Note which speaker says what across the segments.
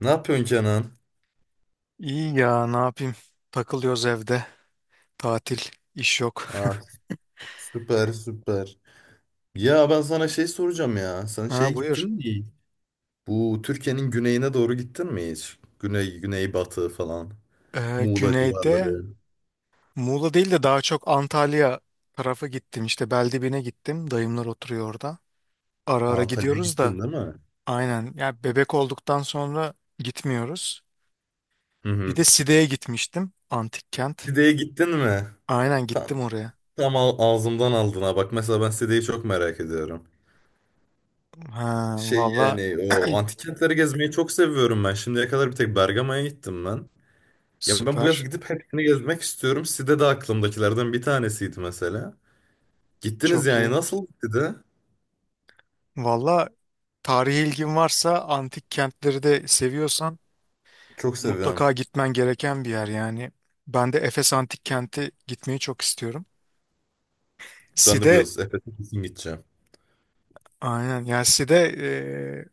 Speaker 1: Ne yapıyorsun Kenan?
Speaker 2: İyi ya ne yapayım? Takılıyoruz evde. Tatil, iş yok.
Speaker 1: Ah, süper süper. Ya ben sana şey soracağım ya. Sen şey
Speaker 2: Ha buyur.
Speaker 1: gittin mi? Bu Türkiye'nin güneyine doğru gittin mi hiç? Güney, güneybatı falan. Muğla
Speaker 2: Güneyde
Speaker 1: civarları.
Speaker 2: Muğla değil de daha çok Antalya tarafı gittim. İşte Beldibine gittim. Dayımlar oturuyor orada. Ara ara
Speaker 1: Antalya'ya
Speaker 2: gidiyoruz da
Speaker 1: gittin değil mi?
Speaker 2: aynen. Ya bebek olduktan sonra gitmiyoruz.
Speaker 1: Hı
Speaker 2: Bir
Speaker 1: hı.
Speaker 2: de Side'ye gitmiştim. Antik kent.
Speaker 1: Side'ye gittin mi?
Speaker 2: Aynen
Speaker 1: Tam,
Speaker 2: gittim oraya.
Speaker 1: tam, ağzımdan aldın ha. Bak mesela ben Side'yi çok merak ediyorum.
Speaker 2: Ha
Speaker 1: Şey
Speaker 2: valla
Speaker 1: yani o antik kentleri gezmeyi çok seviyorum ben. Şimdiye kadar bir tek Bergama'ya gittim ben. Ya ben bu yaz
Speaker 2: süper.
Speaker 1: gidip hepsini gezmek istiyorum. Side de aklımdakilerden bir tanesiydi mesela. Gittiniz
Speaker 2: Çok
Speaker 1: yani.
Speaker 2: iyi.
Speaker 1: Nasıl gitti de?
Speaker 2: Valla tarihi ilgin varsa antik kentleri de seviyorsan
Speaker 1: Çok seviyorum.
Speaker 2: mutlaka gitmen gereken bir yer yani. Ben de Efes Antik Kenti gitmeyi çok istiyorum.
Speaker 1: Ben de bu
Speaker 2: Side
Speaker 1: yaz Efes'e kesin gideceğim.
Speaker 2: aynen yani Side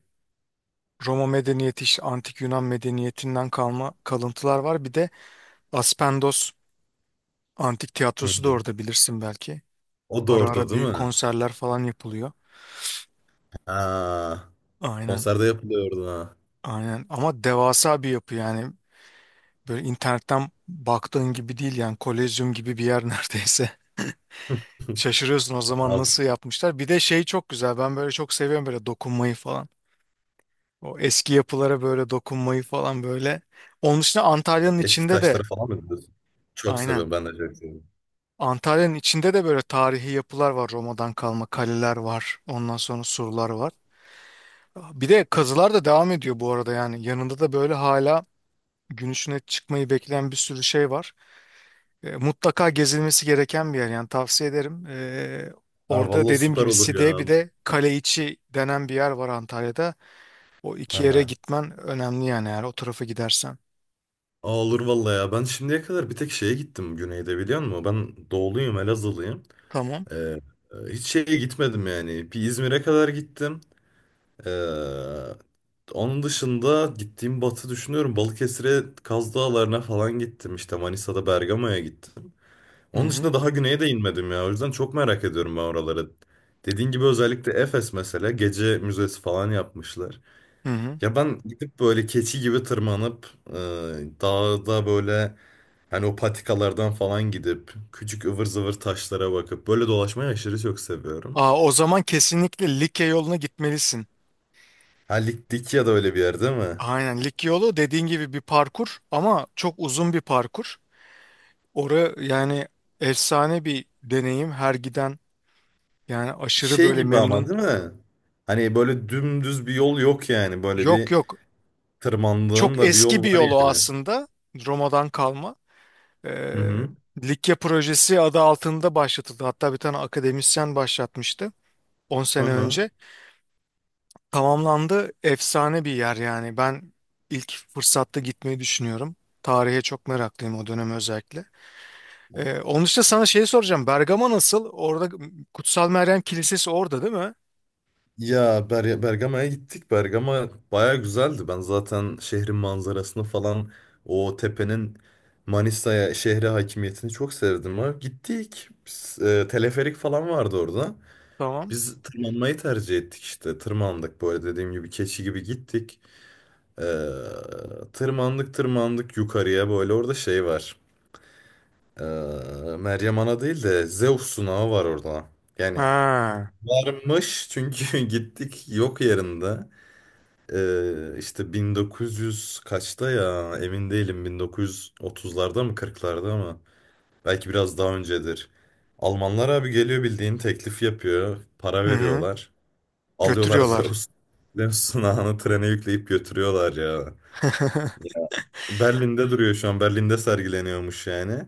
Speaker 2: Roma medeniyeti işte antik Yunan medeniyetinden kalma kalıntılar var. Bir de Aspendos Antik
Speaker 1: Hı
Speaker 2: Tiyatrosu da
Speaker 1: hı.
Speaker 2: orada bilirsin belki.
Speaker 1: O da
Speaker 2: Ara
Speaker 1: orada
Speaker 2: ara
Speaker 1: değil
Speaker 2: büyük
Speaker 1: mi?
Speaker 2: konserler falan yapılıyor.
Speaker 1: Ha.
Speaker 2: Aynen
Speaker 1: Konserde yapılıyordu ha.
Speaker 2: aynen ama devasa bir yapı yani. Böyle internetten baktığın gibi değil yani kolezyum gibi bir yer neredeyse. Şaşırıyorsun o zaman
Speaker 1: Abi,
Speaker 2: nasıl yapmışlar. Bir de şey çok güzel. Ben böyle çok seviyorum böyle dokunmayı falan. O eski yapılara böyle dokunmayı falan böyle. Onun dışında Antalya'nın
Speaker 1: eski
Speaker 2: içinde de
Speaker 1: taşlara falan mı gidiyorsun? Çok
Speaker 2: aynen.
Speaker 1: seviyorum. Ben de çok seviyorum.
Speaker 2: Antalya'nın içinde de böyle tarihi yapılar var. Roma'dan kalma kaleler var. Ondan sonra surlar var. Bir de kazılar da devam ediyor bu arada yani. Yanında da böyle hala gün ışığına çıkmayı bekleyen bir sürü şey var. Mutlaka gezilmesi gereken bir yer yani tavsiye ederim.
Speaker 1: Ha,
Speaker 2: Orada
Speaker 1: valla
Speaker 2: dediğim
Speaker 1: süper
Speaker 2: gibi
Speaker 1: olur
Speaker 2: Side'ye bir
Speaker 1: ya.
Speaker 2: de kale içi denen bir yer var Antalya'da. O iki yere
Speaker 1: Aha.
Speaker 2: gitmen önemli yani eğer o tarafa gidersen.
Speaker 1: Aa, olur valla ya. Ben şimdiye kadar bir tek şeye gittim güneyde biliyor musun? Ben doğuluyum, Elazığlıyım.
Speaker 2: Tamam.
Speaker 1: Ee, e, hiç şeye gitmedim yani. Bir İzmir'e kadar gittim. Ee, onun dışında gittiğim batı düşünüyorum. Balıkesir'e Kaz Dağları'na falan gittim. İşte Manisa'da Bergama'ya gittim.
Speaker 2: Hı
Speaker 1: Onun
Speaker 2: hı.
Speaker 1: dışında daha güneye de inmedim ya. O yüzden çok merak ediyorum ben oraları. Dediğin gibi özellikle Efes mesela gece müzesi falan yapmışlar.
Speaker 2: Hı hı.
Speaker 1: Ya ben gidip böyle keçi gibi tırmanıp dağda böyle hani o patikalardan falan gidip küçük ıvır zıvır taşlara bakıp böyle dolaşmayı aşırı çok seviyorum.
Speaker 2: Aa, o zaman kesinlikle Likya yoluna gitmelisin.
Speaker 1: Ha, Likya da öyle bir yer değil mi?
Speaker 2: Aynen Likya yolu dediğin gibi bir parkur ama çok uzun bir parkur. Orası yani efsane bir deneyim her giden yani aşırı
Speaker 1: Şey
Speaker 2: böyle
Speaker 1: gibi ama
Speaker 2: memnun.
Speaker 1: değil mi? Hani böyle dümdüz bir yol yok yani. Böyle
Speaker 2: Yok
Speaker 1: bir
Speaker 2: yok,
Speaker 1: tırmandığın
Speaker 2: çok
Speaker 1: da bir
Speaker 2: eski
Speaker 1: yol
Speaker 2: bir
Speaker 1: var
Speaker 2: yolu
Speaker 1: yani.
Speaker 2: aslında Roma'dan kalma.
Speaker 1: Hı
Speaker 2: Ee,
Speaker 1: hı.
Speaker 2: Likya projesi adı altında başlatıldı. Hatta bir tane akademisyen başlatmıştı 10
Speaker 1: Hı
Speaker 2: sene
Speaker 1: hı.
Speaker 2: önce. Tamamlandı. Efsane bir yer yani. Ben ilk fırsatta gitmeyi düşünüyorum. Tarihe çok meraklıyım o döneme özellikle. Onun dışında sana şeyi soracağım. Bergama nasıl? Orada Kutsal Meryem Kilisesi orada değil mi?
Speaker 1: Ya Bergama'ya gittik. Bergama baya güzeldi. Ben zaten şehrin manzarasını falan o tepenin Manisa'ya şehre hakimiyetini çok sevdim. Ha. Gittik. Biz, teleferik falan vardı orada.
Speaker 2: Tamam.
Speaker 1: Biz tırmanmayı tercih ettik işte. Tırmandık böyle dediğim gibi keçi gibi gittik. Ee, tırmandık tırmandık yukarıya böyle orada şey var. Ee, Meryem Ana değil de Zeus sunağı var orada. Yani
Speaker 2: Ha.
Speaker 1: varmış çünkü gittik yok yerinde. İşte 1900 kaçta ya emin değilim, 1930'larda mı 40'larda mı? Belki biraz daha öncedir. Almanlar abi geliyor, bildiğin teklif yapıyor. Para
Speaker 2: Hı hı.
Speaker 1: veriyorlar. Alıyorlar
Speaker 2: Götürüyorlar.
Speaker 1: Zeus, Zeus sunağını trene yükleyip götürüyorlar ya. Berlin'de duruyor şu an. Berlin'de sergileniyormuş yani.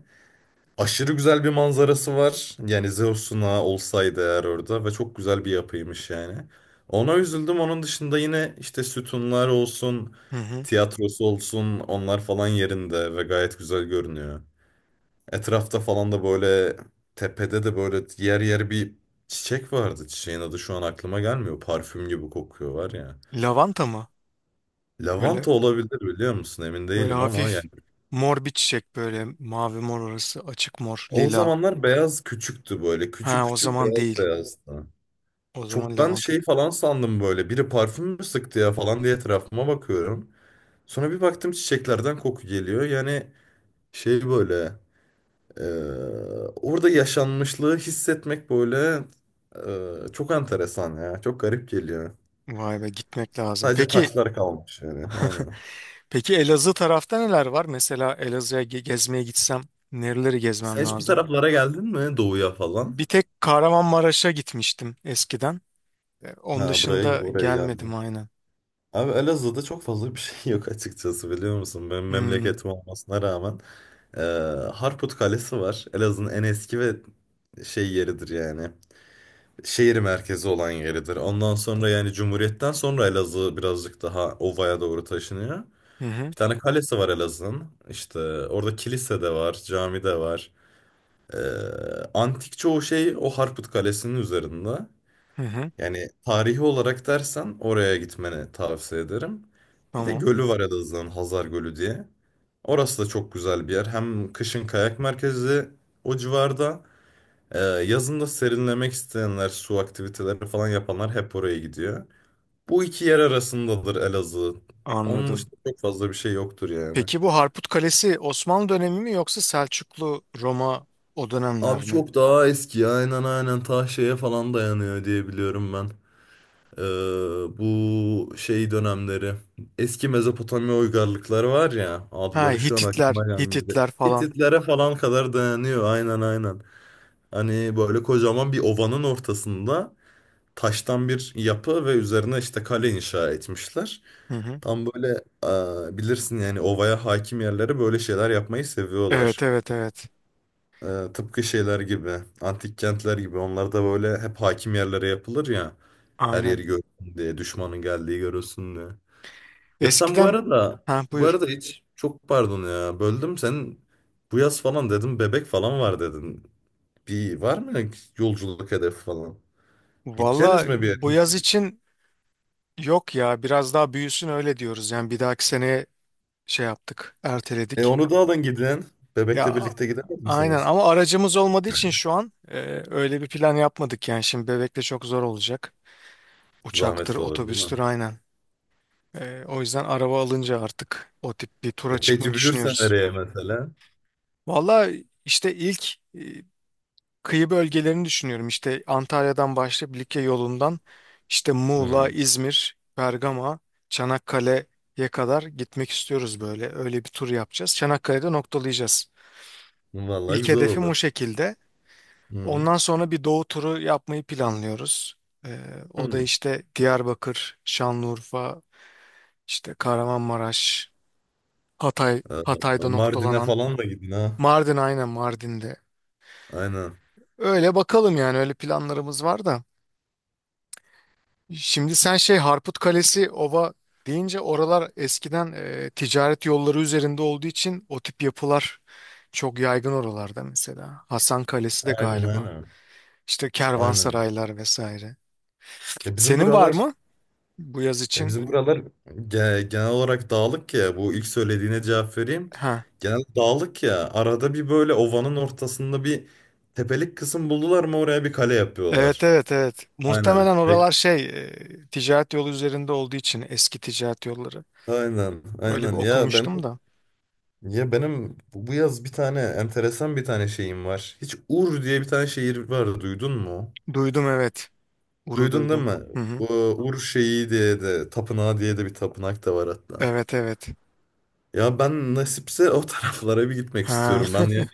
Speaker 1: Aşırı güzel bir manzarası var. Yani Zeus'una olsaydı eğer orada ve çok güzel bir yapıymış yani. Ona üzüldüm. Onun dışında yine işte sütunlar olsun,
Speaker 2: Hı hı.
Speaker 1: tiyatrosu olsun onlar falan yerinde ve gayet güzel görünüyor. Etrafta falan da böyle tepede de böyle yer yer bir çiçek vardı. Çiçeğin adı şu an aklıma gelmiyor. Parfüm gibi kokuyor var ya.
Speaker 2: Lavanta mı? Böyle
Speaker 1: Lavanta olabilir biliyor musun? Emin
Speaker 2: böyle
Speaker 1: değilim ama...
Speaker 2: hafif mor bir çiçek böyle mavi mor orası açık mor
Speaker 1: O
Speaker 2: lila.
Speaker 1: zamanlar beyaz küçüktü böyle. Küçük
Speaker 2: Ha o
Speaker 1: küçük
Speaker 2: zaman
Speaker 1: beyaz
Speaker 2: değil.
Speaker 1: beyazdı.
Speaker 2: O zaman
Speaker 1: Çok ben
Speaker 2: Levant'a
Speaker 1: şey falan sandım böyle. Biri parfüm mü sıktı ya falan diye etrafıma bakıyorum. Sonra bir baktım çiçeklerden koku geliyor. Yani şey böyle e, orada yaşanmışlığı hissetmek böyle çok enteresan ya. Çok garip geliyor.
Speaker 2: vay be, gitmek lazım.
Speaker 1: Sadece
Speaker 2: Peki
Speaker 1: taşlar kalmış yani. Aynen.
Speaker 2: peki Elazığ tarafta neler var? Mesela Elazığ'a gezmeye gitsem nereleri
Speaker 1: Sen
Speaker 2: gezmem
Speaker 1: hiç bu
Speaker 2: lazım?
Speaker 1: taraflara geldin mi? Doğuya falan.
Speaker 2: Bir tek Kahramanmaraş'a gitmiştim eskiden. E, onun
Speaker 1: Ha, buraya
Speaker 2: dışında
Speaker 1: oraya geldin.
Speaker 2: gelmedim aynen.
Speaker 1: Abi Elazığ'da çok fazla bir şey yok açıkçası biliyor musun? Benim
Speaker 2: Hmm.
Speaker 1: memleketim olmasına rağmen. Ee, Harput Kalesi var. Elazığ'ın en eski ve şey yeridir yani. Şehir merkezi olan yeridir. Ondan sonra yani Cumhuriyet'ten sonra Elazığ birazcık daha ovaya doğru taşınıyor.
Speaker 2: Hı hı.
Speaker 1: Bir tane kalesi var Elazığ'ın. İşte orada kilise de var, cami de var. Ee, antik çoğu şey o Harput Kalesi'nin üzerinde.
Speaker 2: Hı hı.
Speaker 1: Yani tarihi olarak dersen oraya gitmeni tavsiye ederim. Bir de
Speaker 2: Tamam.
Speaker 1: gölü var Elazığ'ın, Hazar Gölü diye. Orası da çok güzel bir yer. Hem kışın kayak merkezi o civarda. Yazın da serinlemek isteyenler, su aktiviteleri falan yapanlar hep oraya gidiyor. Bu iki yer arasındadır Elazığ. Onun
Speaker 2: Anladım.
Speaker 1: dışında çok fazla bir şey yoktur yani.
Speaker 2: Peki bu Harput Kalesi Osmanlı dönemi mi yoksa Selçuklu Roma o dönemler
Speaker 1: Abi
Speaker 2: mi?
Speaker 1: çok daha eski ya. Aynen aynen, ta şeye falan dayanıyor diye biliyorum ben. Ee, bu şey dönemleri eski Mezopotamya uygarlıkları var ya,
Speaker 2: Ha
Speaker 1: adları şu an
Speaker 2: Hititler,
Speaker 1: aklıma
Speaker 2: Hititler
Speaker 1: gelmedi.
Speaker 2: falan.
Speaker 1: Hititlere falan kadar dayanıyor, aynen aynen. Hani böyle kocaman bir ovanın ortasında taştan bir yapı ve üzerine işte kale inşa etmişler.
Speaker 2: Hı hı.
Speaker 1: Tam böyle bilirsin yani, ovaya hakim yerlere böyle şeyler yapmayı
Speaker 2: Evet
Speaker 1: seviyorlar.
Speaker 2: evet evet.
Speaker 1: Ee, tıpkı şeyler gibi, antik kentler gibi onlar da böyle hep hakim yerlere yapılır ya. Her yeri
Speaker 2: Aynen.
Speaker 1: görsün diye, düşmanın geldiği görülsün diye. Ya sen bu
Speaker 2: Eskiden
Speaker 1: arada,
Speaker 2: ha buyur.
Speaker 1: hiç, çok pardon ya böldüm, sen bu yaz falan dedim, bebek falan var dedin. Bir var mı yolculuk hedefi falan? Gideceğiniz
Speaker 2: Valla
Speaker 1: mi bir
Speaker 2: bu
Speaker 1: yere?
Speaker 2: yaz için yok ya, biraz daha büyüsün öyle diyoruz. Yani bir dahaki seneye şey yaptık,
Speaker 1: E
Speaker 2: erteledik.
Speaker 1: onu da alın gidin. Bebekle
Speaker 2: Ya
Speaker 1: birlikte gidemez
Speaker 2: aynen
Speaker 1: misiniz?
Speaker 2: ama aracımız olmadığı için şu an öyle bir plan yapmadık yani. Şimdi bebekle çok zor olacak. Uçaktır,
Speaker 1: Zahmetli olur değil
Speaker 2: otobüstür
Speaker 1: mi?
Speaker 2: aynen. E, o yüzden araba alınca artık o tip bir tura
Speaker 1: E
Speaker 2: çıkmayı
Speaker 1: peki büyürsen
Speaker 2: düşünüyoruz.
Speaker 1: nereye mesela?
Speaker 2: Valla işte ilk kıyı bölgelerini düşünüyorum. İşte Antalya'dan başlayıp Likya yolundan işte Muğla,
Speaker 1: Hı.
Speaker 2: İzmir, Bergama, Çanakkale'ye kadar gitmek istiyoruz böyle. Öyle bir tur yapacağız. Çanakkale'de noktalayacağız.
Speaker 1: Vallahi
Speaker 2: İlk
Speaker 1: güzel
Speaker 2: hedefim o
Speaker 1: olur.
Speaker 2: şekilde.
Speaker 1: Hı.
Speaker 2: Ondan sonra bir doğu turu yapmayı planlıyoruz. Ee, O da
Speaker 1: Hı.
Speaker 2: işte Diyarbakır, Şanlıurfa, işte Kahramanmaraş, Hatay,
Speaker 1: Ha,
Speaker 2: Hatay'da
Speaker 1: Mardin'e
Speaker 2: noktalanan.
Speaker 1: falan da gidin ha.
Speaker 2: Mardin aynen Mardin'de.
Speaker 1: Aynen.
Speaker 2: Öyle bakalım yani öyle planlarımız var da. Şimdi sen şey Harput Kalesi, Ova deyince oralar eskiden ticaret yolları üzerinde olduğu için o tip yapılar çok yaygın oralarda mesela. Hasan Kalesi de
Speaker 1: Aynen
Speaker 2: galiba.
Speaker 1: aynen.
Speaker 2: İşte
Speaker 1: Aynen.
Speaker 2: kervansaraylar vesaire.
Speaker 1: Ya bizim
Speaker 2: Senin var
Speaker 1: buralar
Speaker 2: mı bu yaz
Speaker 1: ya
Speaker 2: için?
Speaker 1: bizim buralar genel olarak dağlık ya. Bu ilk söylediğine cevap vereyim.
Speaker 2: Ha.
Speaker 1: Genel dağlık ya. Arada bir böyle ovanın ortasında bir tepelik kısım buldular mı oraya bir kale
Speaker 2: Evet
Speaker 1: yapıyorlar.
Speaker 2: evet evet.
Speaker 1: Aynen.
Speaker 2: Muhtemelen oralar şey ticaret yolu üzerinde olduğu için eski ticaret yolları.
Speaker 1: Aynen.
Speaker 2: Öyle bir
Speaker 1: Aynen. Ya benim
Speaker 2: okumuştum da.
Speaker 1: ya benim bu yaz bir tane enteresan bir tane şeyim var. Hiç Ur diye bir tane şehir var. Duydun mu?
Speaker 2: Duydum evet. Uru
Speaker 1: Duydun değil
Speaker 2: duydum.
Speaker 1: mi?
Speaker 2: Hı hı.
Speaker 1: U- Ur şeyi diye de, tapınağı diye de bir tapınak da var hatta.
Speaker 2: Evet evet.
Speaker 1: Ya ben nasipse o taraflara bir gitmek
Speaker 2: Ha,
Speaker 1: istiyorum. Ben yani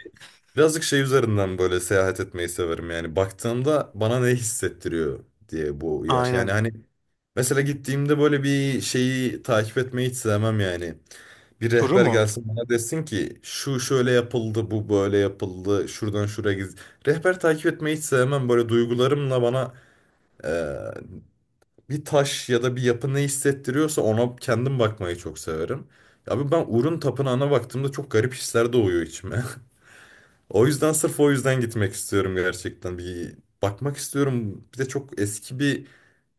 Speaker 1: birazcık şey üzerinden böyle seyahat etmeyi severim. Yani baktığımda bana ne hissettiriyor diye bu yer. Yani
Speaker 2: aynen.
Speaker 1: hani mesela gittiğimde böyle bir şeyi takip etmeyi hiç sevmem yani. Bir
Speaker 2: Turu
Speaker 1: rehber
Speaker 2: mu?
Speaker 1: gelsin bana desin ki şu şöyle yapıldı, bu böyle yapıldı, şuradan şuraya giz. Rehber takip etmeyi hiç sevmem. Böyle duygularımla bana bir taş ya da bir yapı ne hissettiriyorsa ona kendim bakmayı çok severim. Abi ben Urun Tapınağı'na baktığımda çok garip hisler doğuyor içime. O yüzden, sırf o yüzden gitmek istiyorum gerçekten. Bir bakmak istiyorum. Bir de çok eski bir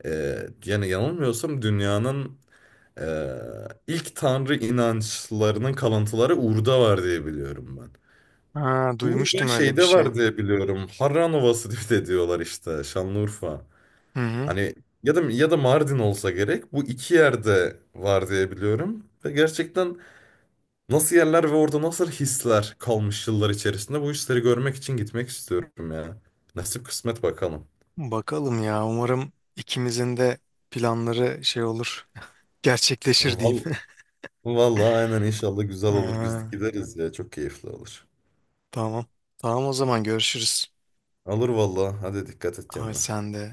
Speaker 1: e, yani yanılmıyorsam dünyanın e, ilk tanrı inançlarının kalıntıları Ur'da var diye biliyorum ben.
Speaker 2: Ha,
Speaker 1: Ur ve
Speaker 2: duymuştum öyle bir
Speaker 1: şeyde
Speaker 2: şey.
Speaker 1: var diye biliyorum. Harran Ovası diye de diyorlar, işte Şanlıurfa.
Speaker 2: Hı hı.
Speaker 1: Hani ya da Mardin olsa gerek. Bu iki yerde var diye biliyorum. Ve gerçekten nasıl yerler ve orada nasıl hisler kalmış yıllar içerisinde, bu hisleri görmek için gitmek istiyorum ya. Nasip kısmet bakalım.
Speaker 2: Bakalım ya. Umarım ikimizin de planları şey olur. Gerçekleşir diyeyim.
Speaker 1: Val vallahi aynen, inşallah güzel olur.
Speaker 2: Ha,
Speaker 1: Gideriz ya, çok keyifli olur.
Speaker 2: tamam. Tamam o zaman görüşürüz.
Speaker 1: Olur vallahi. Hadi dikkat et
Speaker 2: Ay
Speaker 1: kendine.
Speaker 2: sen de.